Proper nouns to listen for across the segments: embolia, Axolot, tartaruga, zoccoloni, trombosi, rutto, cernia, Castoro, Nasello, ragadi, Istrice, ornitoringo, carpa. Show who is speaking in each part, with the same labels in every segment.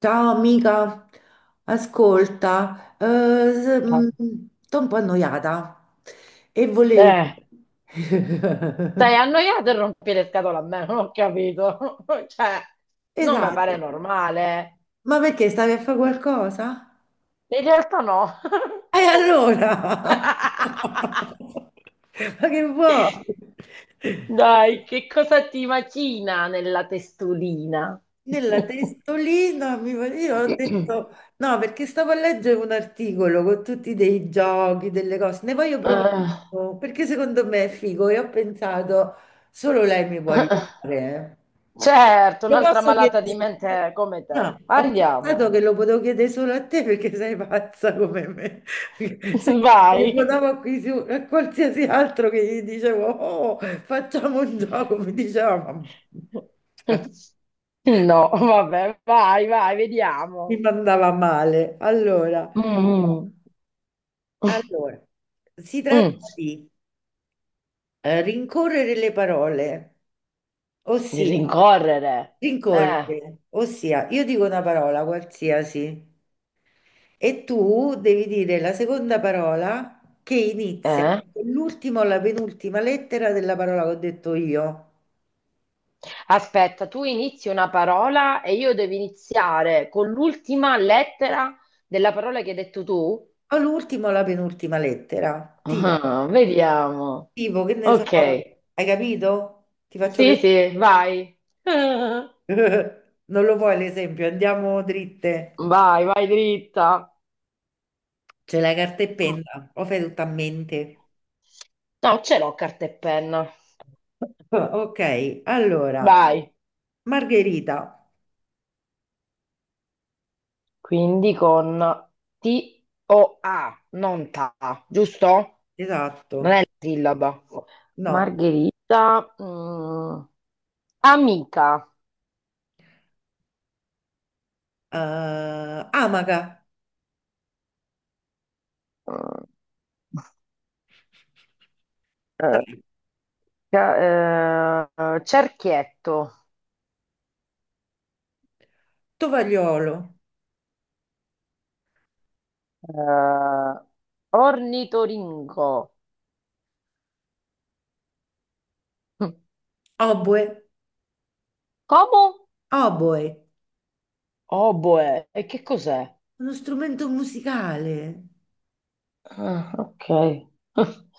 Speaker 1: Ciao amica, ascolta, s- mm,
Speaker 2: Eh,
Speaker 1: sto un po' annoiata e volevo...
Speaker 2: stai annoiato e rompi le scatole a me, non ho capito. Cioè, non mi
Speaker 1: Esatto,
Speaker 2: pare normale.
Speaker 1: ma perché stavi a fare qualcosa?
Speaker 2: In realtà no.
Speaker 1: E allora? Ma che vuoi?
Speaker 2: Dai, che cosa ti macina nella testolina?
Speaker 1: Nella testolina io ho detto no, perché stavo a leggere un articolo con tutti dei giochi, delle cose, ne voglio provare
Speaker 2: Eh,
Speaker 1: uno, perché secondo me è figo e ho pensato solo lei mi può aiutare.
Speaker 2: certo,
Speaker 1: Eh, lo
Speaker 2: un'altra
Speaker 1: posso
Speaker 2: malata
Speaker 1: chiedere?
Speaker 2: di mente come te.
Speaker 1: No, ho
Speaker 2: Andiamo.
Speaker 1: pensato che lo potevo chiedere solo a te perché sei pazza come me. Se
Speaker 2: Vai.
Speaker 1: telefonavo a, a qualsiasi altro che gli dicevo, oh, facciamo un gioco, mi diceva, "Ma-
Speaker 2: No, vabbè, vai, vai,
Speaker 1: mi
Speaker 2: vediamo.
Speaker 1: mandava male. Allora,
Speaker 2: Mm, mm,
Speaker 1: allora, si tratta
Speaker 2: mm.
Speaker 1: di rincorrere le parole,
Speaker 2: Il
Speaker 1: ossia
Speaker 2: Rincorrere. Eh,
Speaker 1: ossia io dico una parola qualsiasi e tu devi dire la seconda parola che inizia
Speaker 2: eh.
Speaker 1: con l'ultima o la penultima lettera della parola che ho detto io,
Speaker 2: Aspetta, tu inizi una parola e io devo iniziare con l'ultima lettera della parola che hai detto tu.
Speaker 1: o l'ultima o la penultima lettera, tipo,
Speaker 2: Ah, vediamo.
Speaker 1: tipo che ne so,
Speaker 2: Ok.
Speaker 1: hai capito? Ti faccio
Speaker 2: Sì, sì,
Speaker 1: l'esempio.
Speaker 2: vai.
Speaker 1: Non lo vuoi l'esempio? Andiamo dritte.
Speaker 2: Vai, vai dritta.
Speaker 1: C'è la carta e
Speaker 2: Mm.
Speaker 1: penna, o fai tutto a mente?
Speaker 2: No, ce l'ho carta e penna.
Speaker 1: Ok, allora,
Speaker 2: Vai.
Speaker 1: Margherita,
Speaker 2: Quindi con T-O-A, non TA, giusto? Non è
Speaker 1: esatto,
Speaker 2: la sillaba.
Speaker 1: no,
Speaker 2: Margherita, amica,
Speaker 1: Amaca,
Speaker 2: mm, eh,
Speaker 1: dai,
Speaker 2: ca- cerchietto,
Speaker 1: Tovagliolo,
Speaker 2: eh, ornitoringo.
Speaker 1: oboe,
Speaker 2: Come?
Speaker 1: oboe,
Speaker 2: Oboe, e che cos'è?
Speaker 1: uno strumento musicale,
Speaker 2: Ah, ok.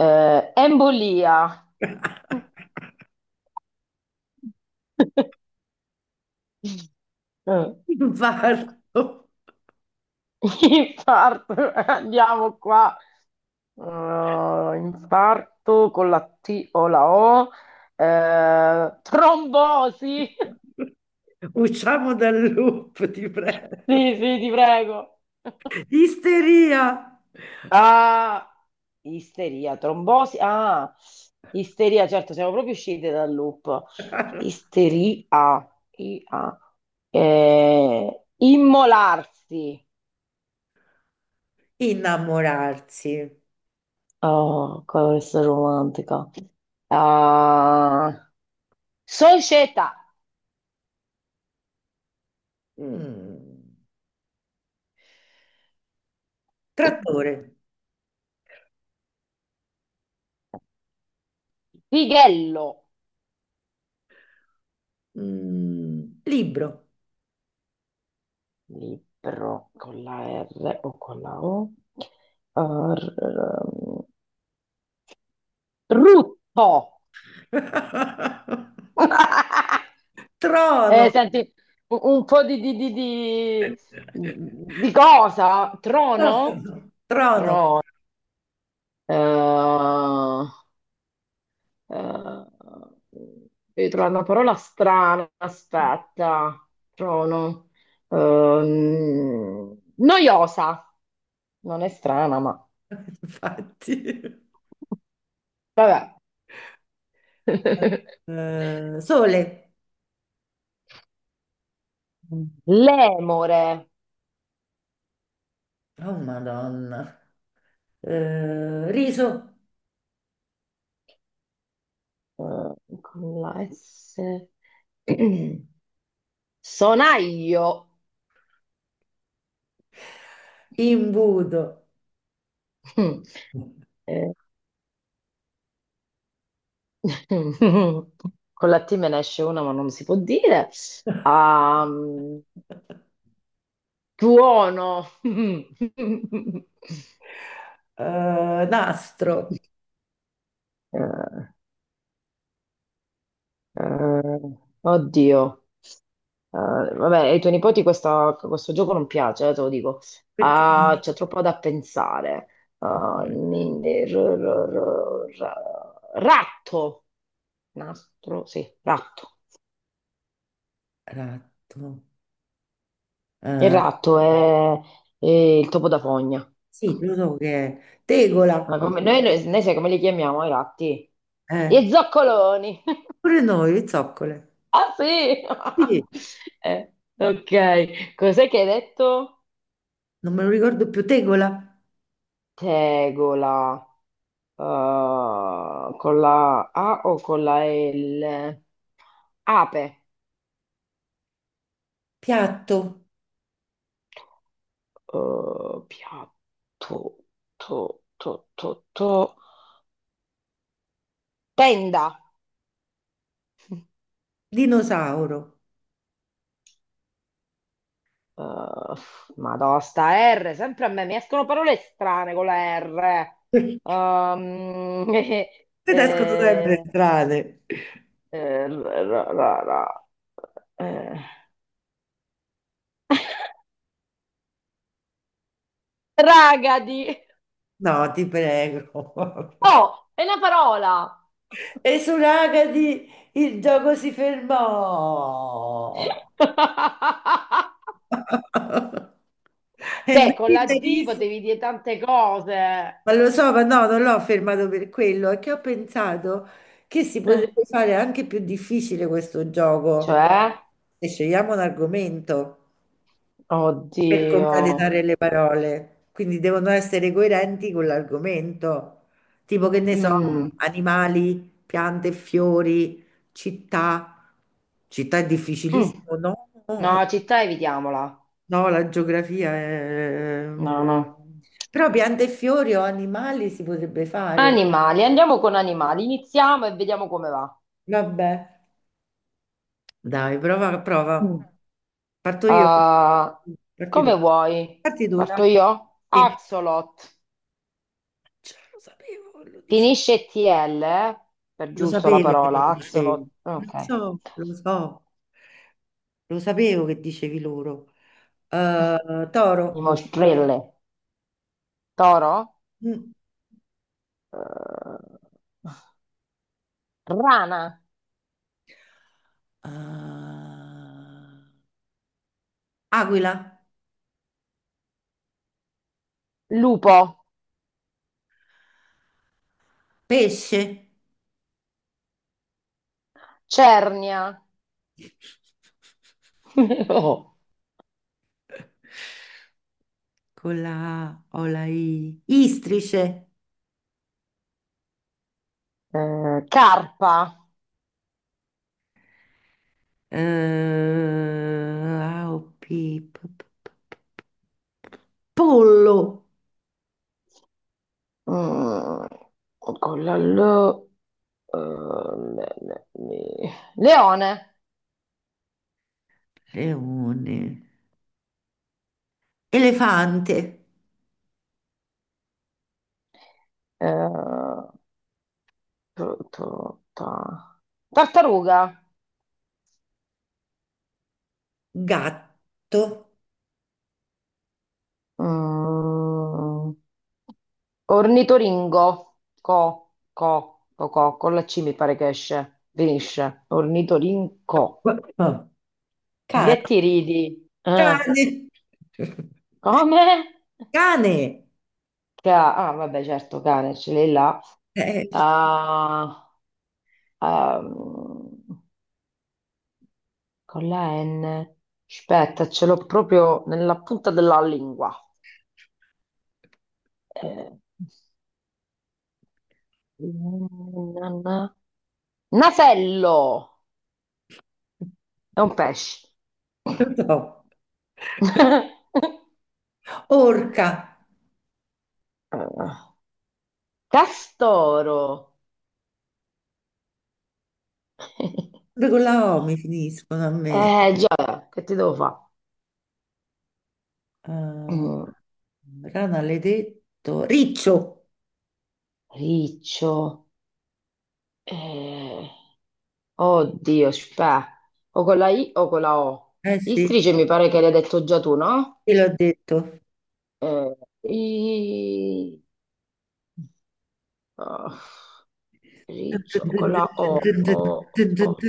Speaker 2: Embolia. Eh,
Speaker 1: infarto,
Speaker 2: Infarto, andiamo qua. Infarto con la T o la O, trombosi.
Speaker 1: usciamo dal loop, ti prego,
Speaker 2: Sì, sì, ti prego.
Speaker 1: isteria,
Speaker 2: Ah, isteria, trombosi. Ah, isteria, certo, siamo proprio uscite dal loop. Isteria, I-A. Immolarsi.
Speaker 1: innamorarsi.
Speaker 2: Oh, questa è romantica. Ah, società.
Speaker 1: Mm. Trattore,
Speaker 2: Fighello.
Speaker 1: mm. Libro,
Speaker 2: Libro con la R o con la O? Uh, r- r- rutto! Eh,
Speaker 1: trono,
Speaker 2: senti, un po' di, di cosa? Trono?
Speaker 1: Trono.
Speaker 2: Ro- eh, eh, devi trovare una parola strana, aspetta, trono. Noiosa, non è strana, ma
Speaker 1: Infatti.
Speaker 2: vabbè.
Speaker 1: Sole,
Speaker 2: Lemore,
Speaker 1: oh Madonna, eh, riso,
Speaker 2: eh, con la S, sonaglio,
Speaker 1: imbuto,
Speaker 2: Eh, con la T me ne esce una ma non si può dire, Ehm, tuono,
Speaker 1: eh, nastro,
Speaker 2: Eh, Eh, oddio. Vabbè, ai tuoi nipoti questo gioco non piace, te lo dico.
Speaker 1: perché
Speaker 2: Ah, c'è troppo da pensare. Ah, ratto. Nastro, sì, ratto.
Speaker 1: ratto,
Speaker 2: Il
Speaker 1: eh,
Speaker 2: ratto è il topo da fogna.
Speaker 1: sì, lo so che è,
Speaker 2: Ma
Speaker 1: tegola,
Speaker 2: noi sai come li chiamiamo i ratti?
Speaker 1: eh,
Speaker 2: Gli zoccoloni.
Speaker 1: pure noi, zoccole,
Speaker 2: Ah sì!
Speaker 1: sì.
Speaker 2: Ok, cos'è che hai detto?
Speaker 1: Non me lo ricordo più, tegola,
Speaker 2: Tegola. Con la A o con la L? Ape.
Speaker 1: piatto,
Speaker 2: Piatto, to, to, to, to. Tenda.
Speaker 1: dinosauro.
Speaker 2: Uh, Madonna, sta R, sempre a me mi escono parole strane con la R. Um,
Speaker 1: Te ne escono sempre
Speaker 2: eh,
Speaker 1: strane.
Speaker 2: eh, ra- ra- ra- ra- eh. Ragadi.
Speaker 1: No, ti prego.
Speaker 2: Oh, è una parola.
Speaker 1: E su Ragadi il gioco si fermò. E
Speaker 2: Beh, con la D potevi dire tante cose.
Speaker 1: ma lo so, ma no, non l'ho fermato per quello, è che ho pensato che si
Speaker 2: Eh,
Speaker 1: potrebbe fare anche più difficile questo gioco.
Speaker 2: Cioè,
Speaker 1: E scegliamo un argomento. Per
Speaker 2: oddio.
Speaker 1: concatenare le parole, quindi devono essere coerenti con l'argomento, tipo che ne so,
Speaker 2: Mm,
Speaker 1: animali, piante, e fiori, città. Città è
Speaker 2: mm.
Speaker 1: difficilissimo, no?
Speaker 2: No, città evitiamola.
Speaker 1: No, la geografia è...
Speaker 2: No, no.
Speaker 1: Però piante e fiori o animali si potrebbe fare.
Speaker 2: Animali, andiamo con animali. Iniziamo e vediamo come va.
Speaker 1: Vabbè, dai, prova.
Speaker 2: Mm.
Speaker 1: Parto io.
Speaker 2: Ah,
Speaker 1: Parti tu.
Speaker 2: come vuoi? Parto
Speaker 1: Dai.
Speaker 2: io?
Speaker 1: Sì.
Speaker 2: Axolot.
Speaker 1: Cioè, lo sapevo, lo dicevo.
Speaker 2: Finisce TL, eh? Per
Speaker 1: Lo
Speaker 2: giusto la
Speaker 1: sapevo che
Speaker 2: parola,
Speaker 1: lo dicevi,
Speaker 2: Axolot.
Speaker 1: lo
Speaker 2: Ok.
Speaker 1: so, lo so, lo sapevo che dicevi loro. Toro,
Speaker 2: Dimostrelle. Toro?
Speaker 1: mm.
Speaker 2: Eh, rana.
Speaker 1: Eh, aquila,
Speaker 2: Lupo,
Speaker 1: pesce,
Speaker 2: cernia, No.
Speaker 1: con la A o la I, istrice,
Speaker 2: Carpa,
Speaker 1: eh, A o P, p- p- p- p- pollo,
Speaker 2: mm, con la L, eh, le- le- le- leone,
Speaker 1: leone, elefante,
Speaker 2: eh, tu- tu- ta- tartaruga,
Speaker 1: gatto,
Speaker 2: mm, ornitoringo, co, con la C mi pare che esce, finisce, ornitorinco.
Speaker 1: cane.
Speaker 2: Che ti ridi? Eh,
Speaker 1: Cane,
Speaker 2: come?
Speaker 1: cane,
Speaker 2: Ah, vabbè, certo, cane, ce l'hai là.
Speaker 1: eh,
Speaker 2: Ah, ehm, con la N. Aspetta, ce l'ho proprio nella punta della lingua. Eh, na- na- Nasello! È un pesce.
Speaker 1: no. Orca,
Speaker 2: Eh, Castoro!
Speaker 1: pure con la O mi finiscono a me.
Speaker 2: Eh già, che ti devo fare?
Speaker 1: Ah, rana l'hai detto. Riccio,
Speaker 2: Riccio. Eh. Oddio, spè. O con la I o con la O.
Speaker 1: eh sì,
Speaker 2: Istrice mi pare che l'hai detto già tu, no?
Speaker 1: te l'ho detto.
Speaker 2: Eh, I, oh, riccio con la O. O.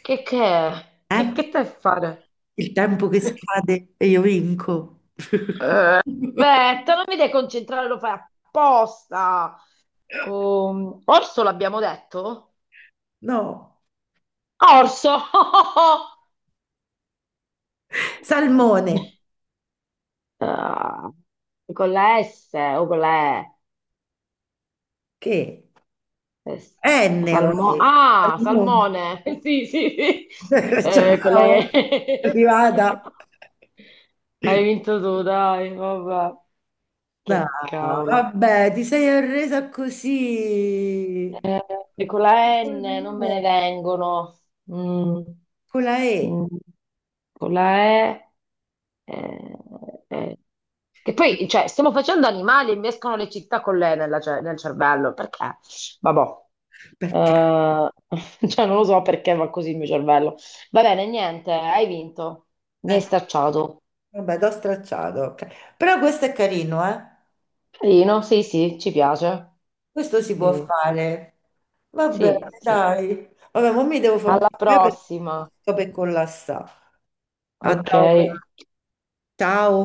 Speaker 2: Che è?
Speaker 1: Eh?
Speaker 2: Che stai a fare?
Speaker 1: Il tempo che scade e io vinco.
Speaker 2: Aspetta, non mi devi concentrare, lo fai apposta. Orso l'abbiamo detto?
Speaker 1: No,
Speaker 2: Orso!
Speaker 1: salmone,
Speaker 2: Ah, con la S o con la E?
Speaker 1: che?
Speaker 2: Eh, s-
Speaker 1: Ennio,
Speaker 2: salmo-
Speaker 1: eh.
Speaker 2: ah, salmone. Sì, sì, sì. Eh, con la
Speaker 1: Ciao,
Speaker 2: E.
Speaker 1: arrivata.
Speaker 2: Hai vinto tu, dai, vabbè.
Speaker 1: No,
Speaker 2: Che cavolo.
Speaker 1: vabbè, ti sei arresa così.
Speaker 2: Eh, e con la N non me
Speaker 1: No,
Speaker 2: ne vengono. Mm,
Speaker 1: con la E.
Speaker 2: mm, con la E. eh, eh. Che
Speaker 1: Con-
Speaker 2: poi, cioè, stiamo facendo animali e mi escono le città con l'E nella nel cervello. Perché? Vabbè.
Speaker 1: Perché?
Speaker 2: Eh, cioè, non lo so perché va così il mio cervello. Va bene, niente, hai vinto. Mi hai
Speaker 1: Eh,
Speaker 2: stacciato.
Speaker 1: vabbè, t'ho stracciato. Ok. Però questo è carino, eh?
Speaker 2: Carino, sì, sì, ci piace.
Speaker 1: Questo si può
Speaker 2: Sì,
Speaker 1: fare. Vabbè,
Speaker 2: sì, sì.
Speaker 1: dai. Vabbè, ma mi devo fare un
Speaker 2: Alla
Speaker 1: caffè perché
Speaker 2: prossima.
Speaker 1: sto per collassare. A
Speaker 2: Ok.
Speaker 1: dopo. Ciao.